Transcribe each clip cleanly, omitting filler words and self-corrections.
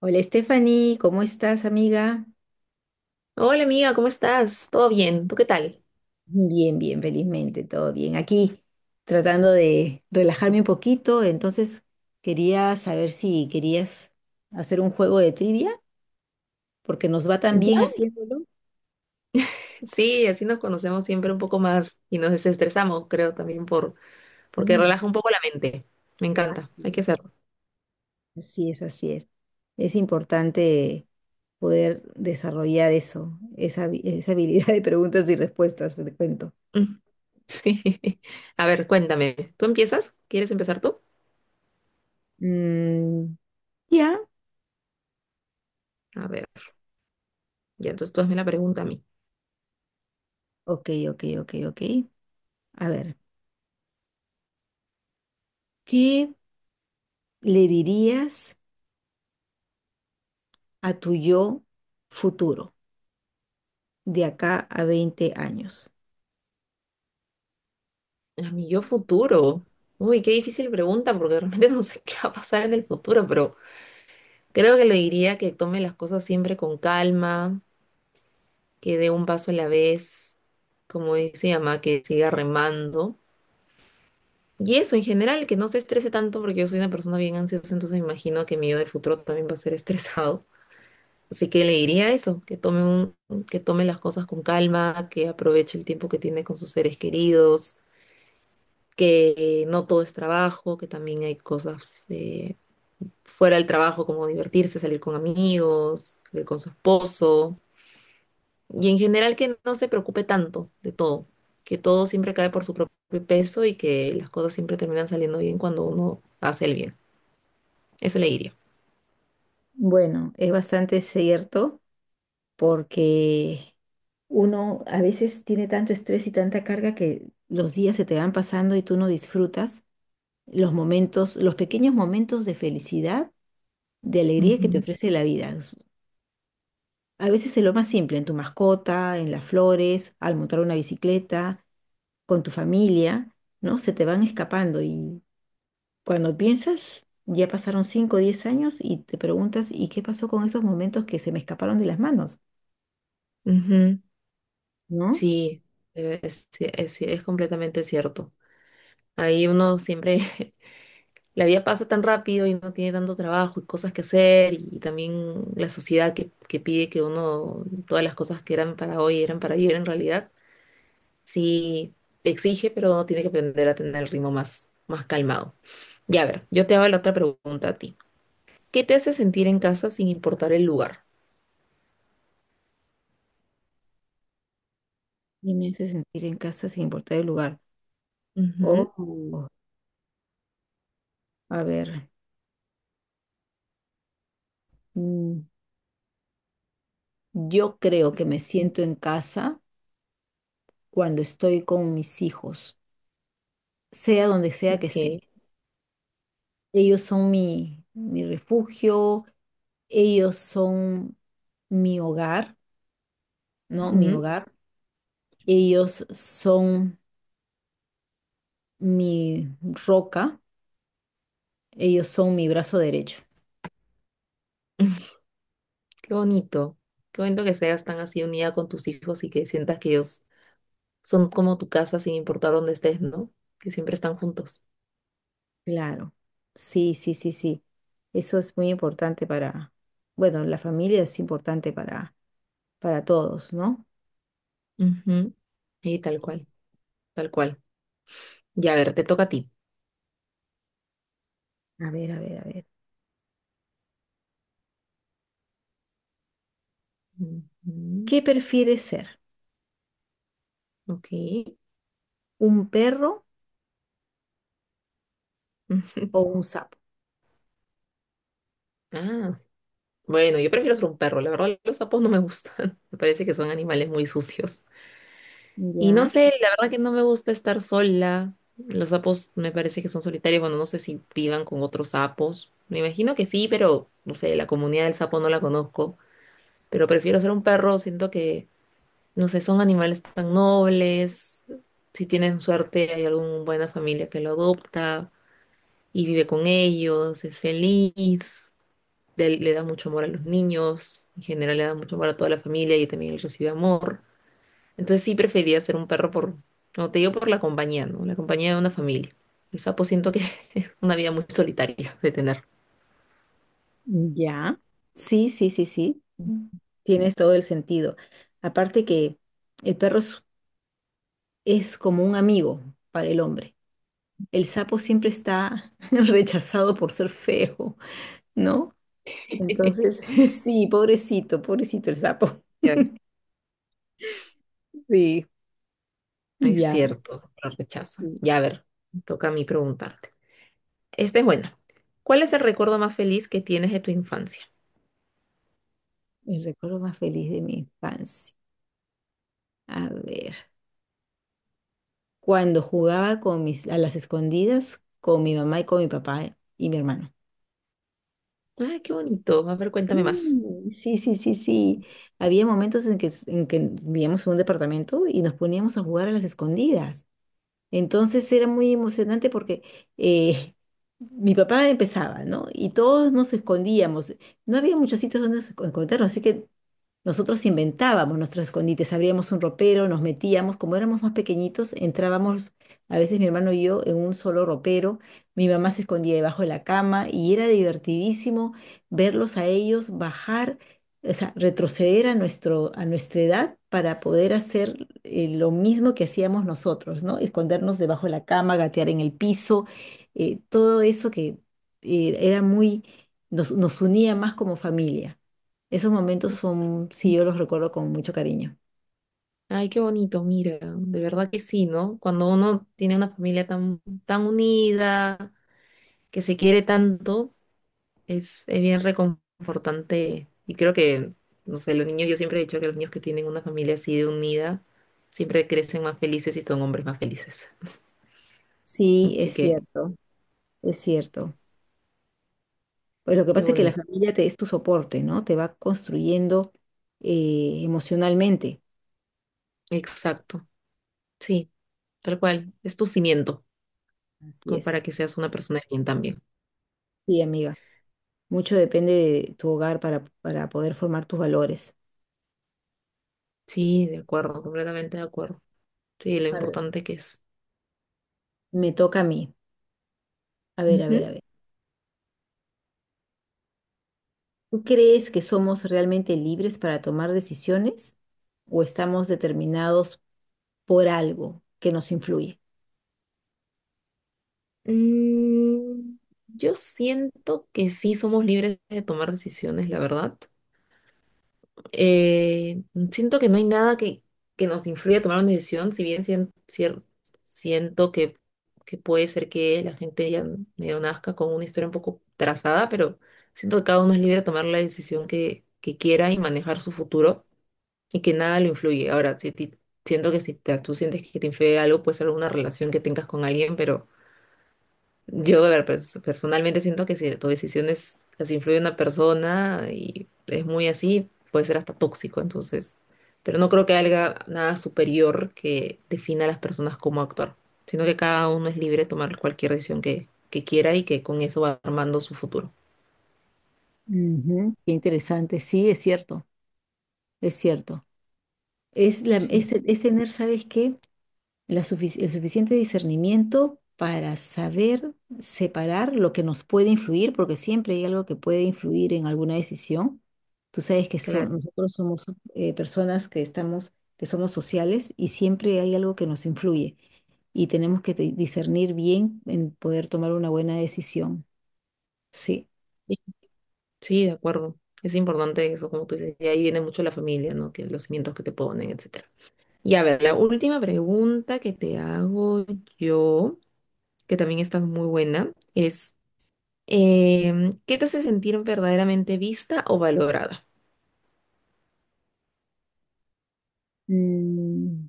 Hola Stephanie, ¿cómo estás amiga? Hola amiga, ¿cómo estás? ¿Todo bien? ¿Tú qué tal? Bien, bien, felizmente, todo bien. Aquí tratando de relajarme un poquito, entonces quería saber si querías hacer un juego de trivia, porque nos va tan bien ¿Ya? haciéndolo. Sí, así nos conocemos siempre un poco más y nos desestresamos, creo, también porque Sí, relaja un poco la mente. Me encanta, hay que así hacerlo. es, así es, así es. Es importante poder desarrollar eso, esa habilidad de preguntas y respuestas, te cuento. Mm, sí. A ver, cuéntame. ¿Tú empiezas? ¿Quieres empezar tú? Mm, ya. A ver, ya entonces tú hazme la pregunta a mí. Ok, ok, ok, ok. A ver, ¿qué le dirías a tu yo futuro de acá a 20 años? A mi yo futuro. Uy, qué difícil pregunta porque realmente no sé qué va a pasar en el futuro, pero creo que le diría que tome las cosas siempre con calma, que dé un paso a la vez, como dice mi mamá, que siga remando. Y eso, en general, que no se estrese tanto, porque yo soy una persona bien ansiosa, entonces me imagino que mi yo del futuro también va a ser estresado. Así que le diría eso, que tome las cosas con calma, que aproveche el tiempo que tiene con sus seres queridos, que no todo es trabajo, que también hay cosas fuera del trabajo, como divertirse, salir con amigos, salir con su esposo. Y en general que no se preocupe tanto de todo, que todo siempre cae por su propio peso y que las cosas siempre terminan saliendo bien cuando uno hace el bien. Eso le diría. Bueno, es bastante cierto porque uno a veces tiene tanto estrés y tanta carga que los días se te van pasando y tú no disfrutas los momentos, los pequeños momentos de felicidad, de alegría que te Ujú, ofrece la vida. A veces es lo más simple, en tu mascota, en las flores, al montar una bicicleta, con tu familia, ¿no? Se te van escapando. Y cuando piensas, ya pasaron 5 o 10 años y te preguntas, ¿y qué pasó con esos momentos que se me escaparon de las manos? ujú. ¿No? Sí, es completamente cierto. Ahí uno siempre, la vida pasa tan rápido y no tiene tanto trabajo y cosas que hacer y también la sociedad que pide que uno, todas las cosas que eran para hoy eran para ayer en realidad. Sí, te exige, pero tiene que aprender a tener el ritmo más calmado. Ya a ver, yo te hago la otra pregunta a ti. ¿Qué te hace sentir en casa sin importar el lugar? Y me hace sentir en casa sin importar el lugar. Ujú. Oh, a ver, mm, yo creo que me siento en casa cuando estoy con mis hijos, sea donde sea que Ok, esté. Ellos son mi refugio, ellos son mi hogar, ¿no? Mi ujú. hogar. Ellos son mi roca. Ellos son mi brazo derecho. Qué bonito. Qué bonito que seas tan así unida con tus hijos y que sientas que ellos son como tu casa sin importar dónde estés, ¿no? Que siempre están juntos. Claro. Sí, sí, sí, sí. Eso es muy importante para, bueno, la familia es importante para todos, ¿no? Ujú. Y tal cual, tal cual. Ya, a ver, te toca a ti. A ver, a ver, a ver. Ujú. ¿Qué prefieres ser? Ok. ¿Un perro Ujú. o un sapo? Ah. Bueno, yo prefiero ser un perro. La verdad, los sapos no me gustan. Me parece que son animales muy sucios. Y no Ya, sé, la verdad que no me gusta estar sola. Los sapos me parece que son solitarios. Bueno, no sé si vivan con otros sapos. Me imagino que sí, pero no sé, la comunidad del sapo no la conozco. Pero prefiero ser un perro. No sé, son animales tan nobles. Si tienen suerte, hay alguna buena familia que lo adopta y vive con ellos, es feliz, le da mucho amor a los niños, en general le da mucho amor a toda la familia y también él recibe amor. Entonces sí prefería ser un perro no te digo por la compañía, ¿no? La compañía de una familia. El sapo siento que es una vida muy solitaria de tener. ya. Sí, sí, sí, sí. Mm. Tienes todo el sentido. Aparte que el perro es como un amigo para el hombre. El sapo siempre está rechazado por ser feo, ¿no? Entonces, sí, pobrecito, pobrecito el sapo. Ya, Sí, es ya. cierto, lo rechaza. Sí. Ya, a ver, me toca a mí preguntarte. Esta es buena. ¿Cuál es el recuerdo más feliz que tienes de tu infancia? El recuerdo más feliz de mi infancia. A ver, cuando jugaba con a las escondidas con mi mamá y con mi papá y mi hermano. Ay, qué bonito. A ver, cuéntame más. Sí, sí, sí, sí, sí. Había momentos en que vivíamos en un departamento y nos poníamos a jugar a las escondidas. Entonces era muy emocionante porque eh, mi papá empezaba, ¿no? Y todos nos escondíamos. No había muchos sitios donde nos encontrarnos, así que nosotros inventábamos nuestros escondites, abríamos un ropero, nos metíamos, como éramos más pequeñitos, entrábamos, a veces mi hermano y yo, en un solo ropero. Mi mamá se escondía debajo de la cama y era divertidísimo verlos a ellos bajar, o sea, retroceder a nuestra edad para poder hacer lo mismo que hacíamos nosotros, ¿no? Escondernos debajo de la cama, gatear en el piso, todo eso que eh, era muy, nos unía más como familia. Esos momentos son, sí, yo los recuerdo con mucho cariño. Ay, qué bonito, mira, de verdad que sí, ¿no? Cuando uno tiene una familia tan unida, que se quiere tanto, es bien reconfortante. No sé, los niños, yo siempre he dicho que los niños que tienen una familia así de unida, siempre crecen más felices y son hombres más felices. Sí, Así es que, cierto, es cierto. Pues lo que qué pasa es que la bonito. familia es tu soporte, ¿no? Te va construyendo emocionalmente. Exacto. Sí, tal cual. Es tu cimiento, Así como es. para que seas una persona bien también. Sí, amiga. Mucho depende de tu hogar para poder formar tus valores. Sí, de acuerdo, completamente de acuerdo. Sí, lo A ver. importante que es. Me toca a mí. A ver, a ver, Ujú. a ver. ¿Tú crees que somos realmente libres para tomar decisiones o estamos determinados por algo que nos influye? Mm, yo siento que sí somos libres de tomar decisiones, la verdad. Eh, siento que no hay nada que nos influya a tomar una decisión, si bien sien- cier- siento que puede ser que la gente ya medio nazca con una historia un poco trazada, pero siento que cada uno es libre de tomar la decisión que quiera y manejar su futuro y que nada lo influye. Ahora, si a ti- siento que si te- tú sientes que te influye algo, puede ser alguna relación que tengas con alguien, pero... Yo, a ver, personalmente siento que si tu decisión es, las influye en una persona y es muy así, puede ser hasta tóxico, entonces. Pero no creo que haya nada superior que defina a las personas cómo actuar, sino que cada uno es libre de tomar cualquier decisión que quiera y que con eso va armando su futuro. Ujú. Qué interesante. Sí, es cierto, es cierto. Es, la, Sí, es, es tener, ¿sabes qué? El suficiente discernimiento para saber separar lo que nos puede influir, porque siempre hay algo que puede influir en alguna decisión. Tú sabes que claro. nosotros somos personas que somos sociales y siempre hay algo que nos influye y tenemos que discernir bien en poder tomar una buena decisión. Sí. Sí, de acuerdo. Es importante eso, como tú dices, y ahí viene mucho la familia, ¿no? Que los cimientos que te ponen, etcétera. Y a ver, la última pregunta que te hago yo, que también está muy buena, es ¿qué te hace sentir verdaderamente vista o valorada? Mm,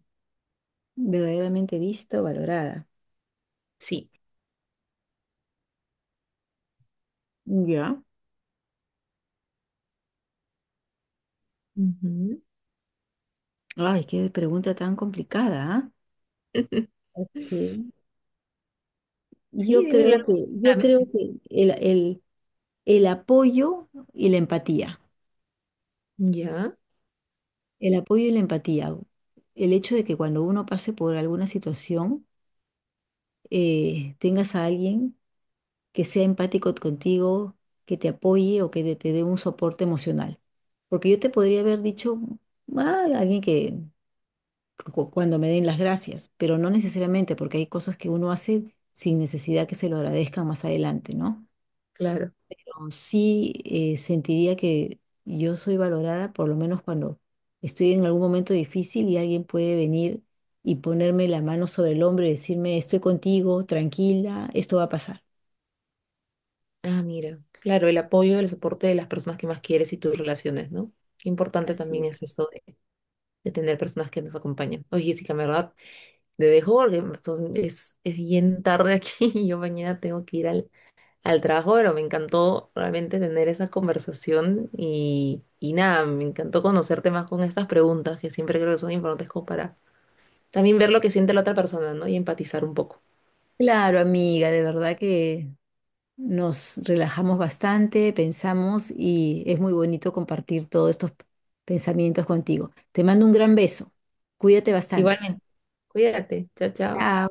verdaderamente visto, valorada. Sí. Ya. Ujú. Ay, qué pregunta tan complicada, ¿ah? Sí. Sí, dímelo algo Yo creo claramente. que el apoyo y la empatía, Ya, el apoyo y la empatía, el hecho de que cuando uno pase por alguna situación, tengas a alguien que sea empático contigo, que te apoye o que te dé un soporte emocional. Porque yo te podría haber dicho, "Ah, alguien que cuando me den las gracias", pero no necesariamente, porque hay cosas que uno hace sin necesidad que se lo agradezcan más adelante, ¿no? claro. Sí, sentiría que yo soy valorada, por lo menos cuando estoy en algún momento difícil y alguien puede venir y ponerme la mano sobre el hombro y decirme, estoy contigo, tranquila, esto va a pasar. Ah, mira. Claro, el apoyo, el soporte de las personas que más quieres y tus relaciones, ¿no? Qué importante Así también es. es eso de tener personas que nos acompañan. Oye, Jessica, en verdad, te dejo porque es bien tarde aquí y yo mañana tengo que ir al trabajo, pero me encantó realmente tener esa conversación y nada, me encantó conocerte más con estas preguntas que siempre creo que son importantes como para también ver lo que siente la otra persona, ¿no? Y empatizar un poco. Claro, amiga, de verdad que nos relajamos bastante, pensamos y es muy bonito compartir todos estos pensamientos contigo. Te mando un gran beso. Cuídate bastante. Igualmente, cuídate, chao, chao. Chao.